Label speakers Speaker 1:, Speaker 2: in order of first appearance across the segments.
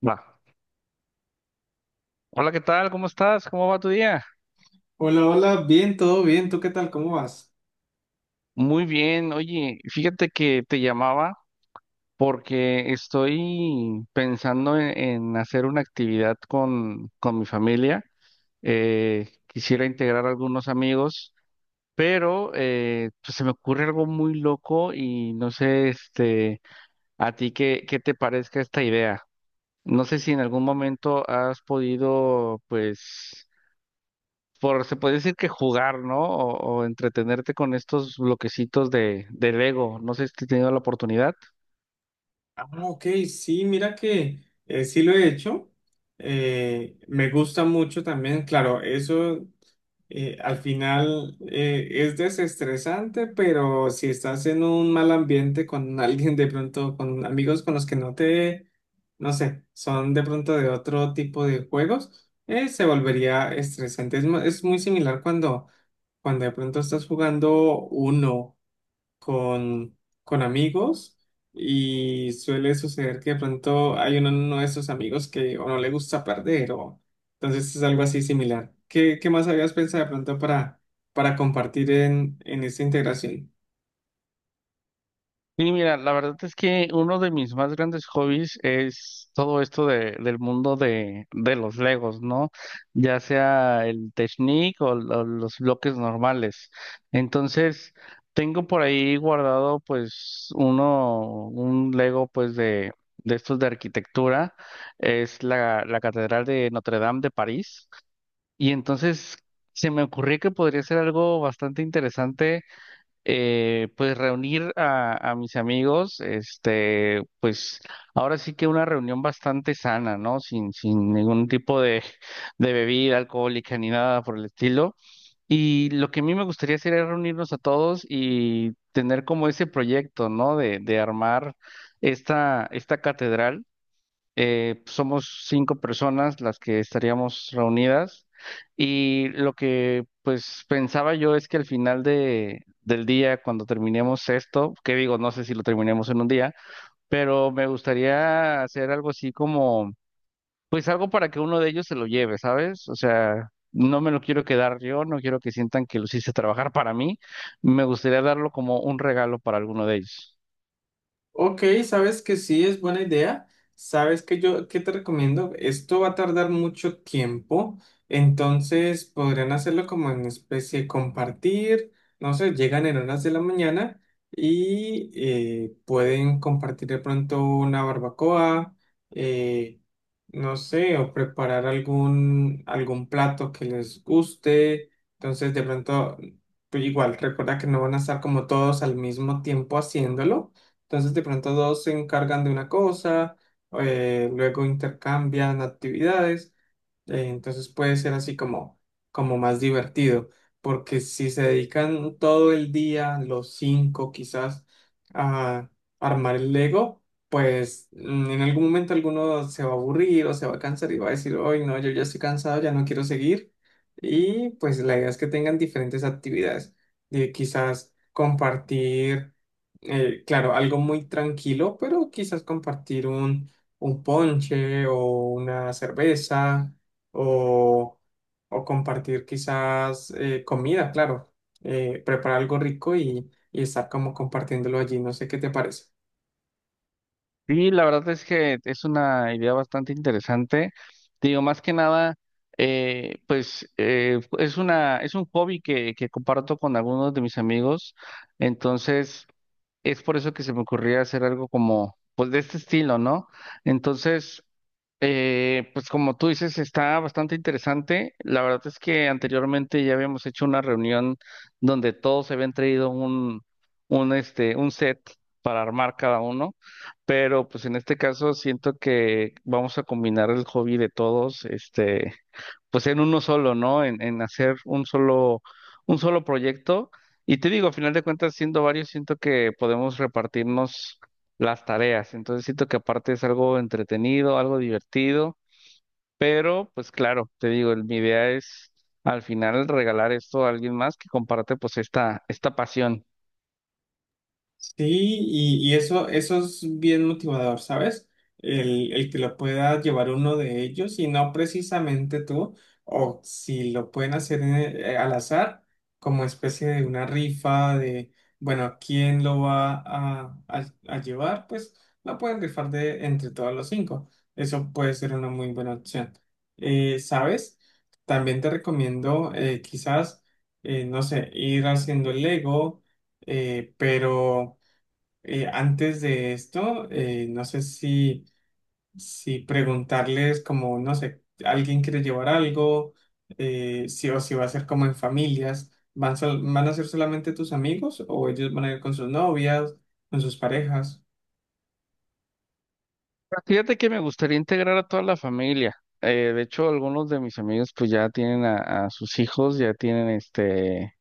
Speaker 1: Va. Hola, ¿qué tal? ¿Cómo estás? ¿Cómo va tu día?
Speaker 2: Hola, hola, bien, todo bien, ¿tú qué tal? ¿Cómo vas?
Speaker 1: Muy bien. Oye, fíjate que te llamaba porque estoy pensando en hacer una actividad con mi familia. Quisiera integrar algunos amigos, pero pues se me ocurre algo muy loco y no sé, este, a ti qué te parezca esta idea. No sé si en algún momento has podido, pues por, se puede decir que jugar, ¿no? O entretenerte con estos bloquecitos de Lego. No sé si he tenido la oportunidad.
Speaker 2: Ah, ok, sí, mira que sí lo he hecho. Me gusta mucho también, claro, eso al final es desestresante, pero si estás en un mal ambiente con alguien de pronto, con amigos con los que no sé, son de pronto de otro tipo de juegos, se volvería estresante. Es, es muy similar cuando de pronto estás jugando uno con, con amigos y suele suceder que de pronto hay uno de esos amigos que o no le gusta perder o entonces es algo así similar. ¿Qué más habías pensado de pronto para compartir en esta integración?
Speaker 1: Y mira, la verdad es que uno de mis más grandes hobbies es todo esto de, del mundo de los Legos, ¿no? Ya sea el Technic o los bloques normales. Entonces, tengo por ahí guardado pues uno, un Lego pues de estos de arquitectura. Es la Catedral de Notre Dame de París. Y entonces se me ocurrió que podría ser algo bastante interesante, pues reunir a mis amigos, este, pues ahora sí que una reunión bastante sana, ¿no? Sin ningún tipo de bebida alcohólica ni nada por el estilo. Y lo que a mí me gustaría sería reunirnos a todos y tener como ese proyecto, ¿no? De armar esta catedral. Somos 5 personas las que estaríamos reunidas y lo que pues pensaba yo es que al final del día, cuando terminemos esto, que digo, no sé si lo terminemos en un día, pero me gustaría hacer algo así como, pues algo para que uno de ellos se lo lleve, ¿sabes? O sea... No me lo quiero quedar yo, no quiero que sientan que los hice trabajar para mí. Me gustaría darlo como un regalo para alguno de ellos.
Speaker 2: Ok, sabes que sí es buena idea. Sabes que yo qué te recomiendo, esto va a tardar mucho tiempo, entonces podrían hacerlo como en especie de compartir, no sé, llegan en horas de la mañana y pueden compartir de pronto una barbacoa, eh, no sé, o preparar algún plato que les guste. Entonces de pronto, pues igual, recuerda que no van a estar como todos al mismo tiempo haciéndolo entonces, de pronto dos se encargan de una cosa, luego intercambian actividades, entonces puede ser así como más divertido, porque si se dedican todo el día, los cinco quizás, a armar el Lego, pues en algún momento alguno se va a aburrir o se va a cansar y va a decir, hoy no, yo ya estoy cansado, ya no quiero seguir. Y pues la idea es que tengan diferentes actividades, de quizás compartir, claro, algo muy tranquilo, pero quizás compartir un ponche o una cerveza o, o compartir quizás comida, claro, preparar algo rico y estar como compartiéndolo allí, no sé qué te parece.
Speaker 1: Sí, la verdad es que es una idea bastante interesante. Digo, más que nada, es una, es un hobby que comparto con algunos de mis amigos. Entonces, es por eso que se me ocurría hacer algo como, pues de este estilo, ¿no? Entonces, pues como tú dices, está bastante interesante. La verdad es que anteriormente ya habíamos hecho una reunión donde todos se habían traído un, este, un set para armar cada uno. Pero pues en este caso siento que vamos a combinar el hobby de todos, este, pues en uno solo, ¿no? En hacer un solo proyecto. Y te digo, a final de cuentas, siendo varios, siento que podemos repartirnos las tareas. Entonces siento que aparte es algo entretenido, algo divertido, pero pues claro, te digo, mi idea es al final regalar esto a alguien más que comparte pues esta pasión.
Speaker 2: Sí, y eso es bien motivador, ¿sabes? El que lo pueda llevar uno de ellos y no precisamente tú, o si lo pueden hacer al azar, como especie de una rifa de, bueno, ¿quién lo va a llevar? Pues lo pueden rifar de entre todos los cinco. Eso puede ser una muy buena opción. ¿Sabes? También te recomiendo quizás, no sé, ir haciendo el Lego, pero... Antes de esto, no sé si preguntarles como, no sé, alguien quiere llevar algo, si, o si va a ser como en familias, ¿van a ser solamente tus amigos o ellos van a ir con sus novias, con sus parejas?
Speaker 1: Fíjate que me gustaría integrar a toda la familia. De hecho, algunos de mis amigos pues ya tienen a sus hijos, ya tienen este,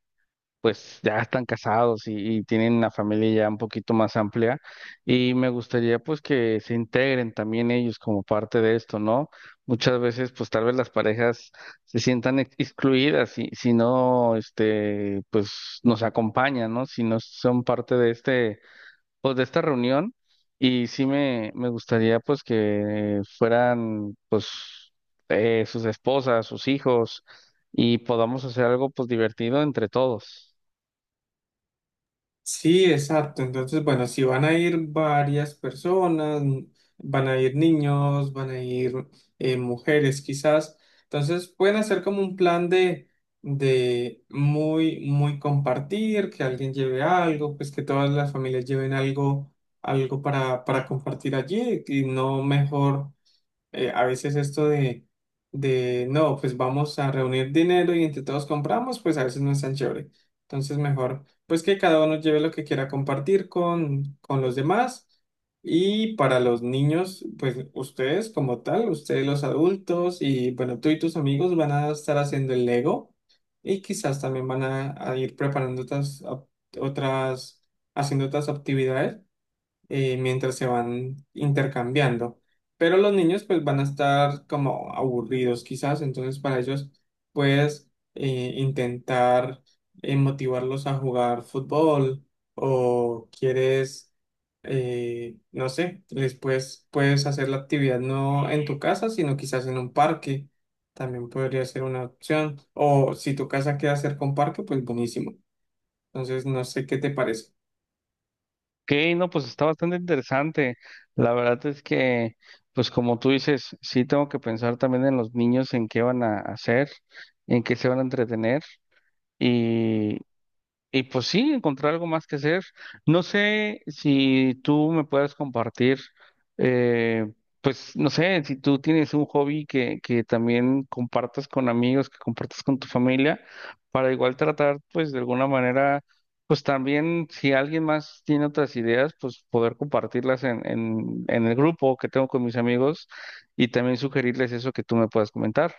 Speaker 1: pues ya están casados y tienen una familia ya un poquito más amplia. Y me gustaría pues que se integren también ellos como parte de esto, ¿no? Muchas veces pues tal vez las parejas se sientan excluidas si no, este, pues nos acompañan, ¿no? Si no son parte de este pues de esta reunión y sí me gustaría pues que fueran pues sus esposas, sus hijos y podamos hacer algo pues divertido entre todos.
Speaker 2: Sí, exacto. Entonces, bueno, si van a ir varias personas, van a ir niños, van a ir mujeres quizás, entonces pueden hacer como un plan de muy, muy compartir, que alguien lleve algo, pues que todas las familias lleven algo, algo para compartir allí y no mejor a veces esto no, pues vamos a reunir dinero y entre todos compramos, pues a veces no es tan chévere. Entonces mejor, pues que cada uno lleve lo que quiera compartir con los demás. Y para los niños, pues ustedes como tal, ustedes los adultos y bueno, tú y tus amigos van a estar haciendo el Lego y quizás también van a ir preparando otras, otras, haciendo otras actividades, mientras se van intercambiando. Pero los niños pues van a estar como aburridos quizás, entonces para ellos puedes intentar motivarlos a jugar fútbol o quieres, no sé, les puedes, puedes hacer la actividad no en tu casa, sino quizás en un parque. También podría ser una opción. O si tu casa queda cerca a un parque, pues buenísimo. Entonces, no sé qué te parece.
Speaker 1: Ok, no, pues está bastante interesante. La verdad es que pues como tú dices, sí tengo que pensar también en los niños, en qué van a hacer, en qué se van a entretener. Y pues sí, encontrar algo más que hacer. No sé si tú me puedes compartir, eh, pues no sé, si tú tienes un hobby que también compartas con amigos, que compartas con tu familia, para igual tratar, pues de alguna manera, pues también si alguien más tiene otras ideas, pues poder compartirlas en el grupo que tengo con mis amigos y también sugerirles eso que tú me puedas comentar.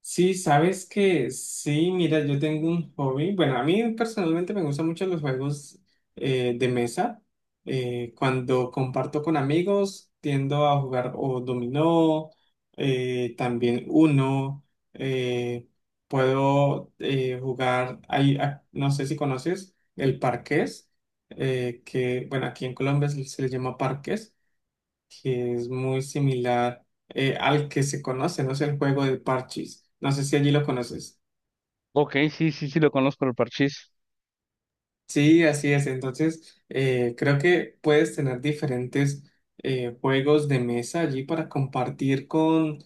Speaker 2: Sí, sabes que sí, mira, yo tengo un hobby. Bueno, a mí personalmente me gustan mucho los juegos de mesa. Cuando comparto con amigos, tiendo a jugar o dominó, también uno, eh, puedo jugar, hay, ah, no sé si conoces el parqués, que bueno, aquí en Colombia se le llama parqués que es muy similar al que se conoce, no sé, el juego de parches. No sé si allí lo conoces.
Speaker 1: Ok, sí, sí, sí, lo conozco, el parchís.
Speaker 2: Sí, así es. Entonces, creo que puedes tener diferentes juegos de mesa allí para compartir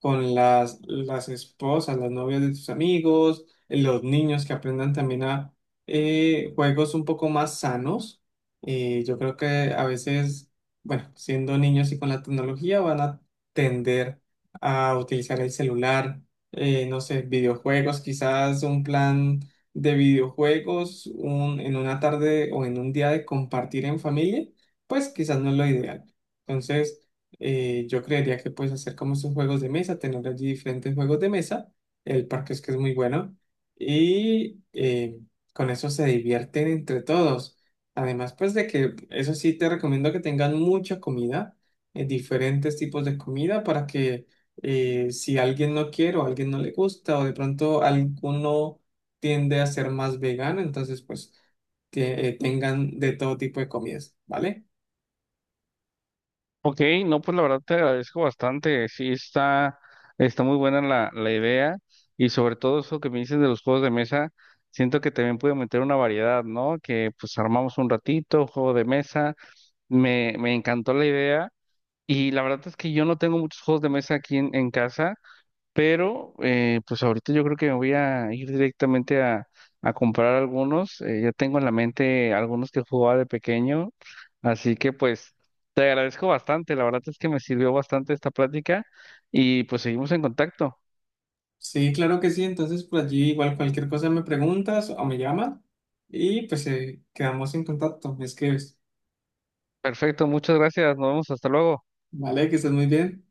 Speaker 2: con las esposas, las novias de tus amigos, los niños que aprendan también a juegos un poco más sanos. Yo creo que a veces, bueno, siendo niños y con la tecnología van a tender a utilizar el celular, no sé, videojuegos, quizás un plan de videojuegos en una tarde o en un día de compartir en familia, pues quizás no es lo ideal. Entonces, yo creería que puedes hacer como esos juegos de mesa, tener allí diferentes juegos de mesa. El parque es que es muy bueno y con eso se divierten entre todos. Además, pues de que eso sí te recomiendo que tengan mucha comida, diferentes tipos de comida para que si alguien no quiere o alguien no le gusta o de pronto alguno tiende a ser más vegana, entonces pues que tengan de todo tipo de comidas, ¿vale?
Speaker 1: Ok, no, pues la verdad te agradezco bastante. Sí, está, está muy buena la idea y sobre todo eso que me dices de los juegos de mesa, siento que también puedo meter una variedad, ¿no? Que pues armamos un ratito, juego de mesa. Me encantó la idea y la verdad es que yo no tengo muchos juegos de mesa aquí en casa. Pero pues ahorita yo creo que me voy a ir directamente a comprar algunos. Ya tengo en la mente algunos que jugaba de pequeño. Así que pues te agradezco bastante. La verdad es que me sirvió bastante esta plática y pues seguimos en contacto.
Speaker 2: Sí, claro que sí, entonces por allí igual cualquier cosa me preguntas o me llamas y pues quedamos en contacto, me escribes,
Speaker 1: Perfecto, muchas gracias. Nos vemos hasta luego.
Speaker 2: ¿vale? Que estés muy bien.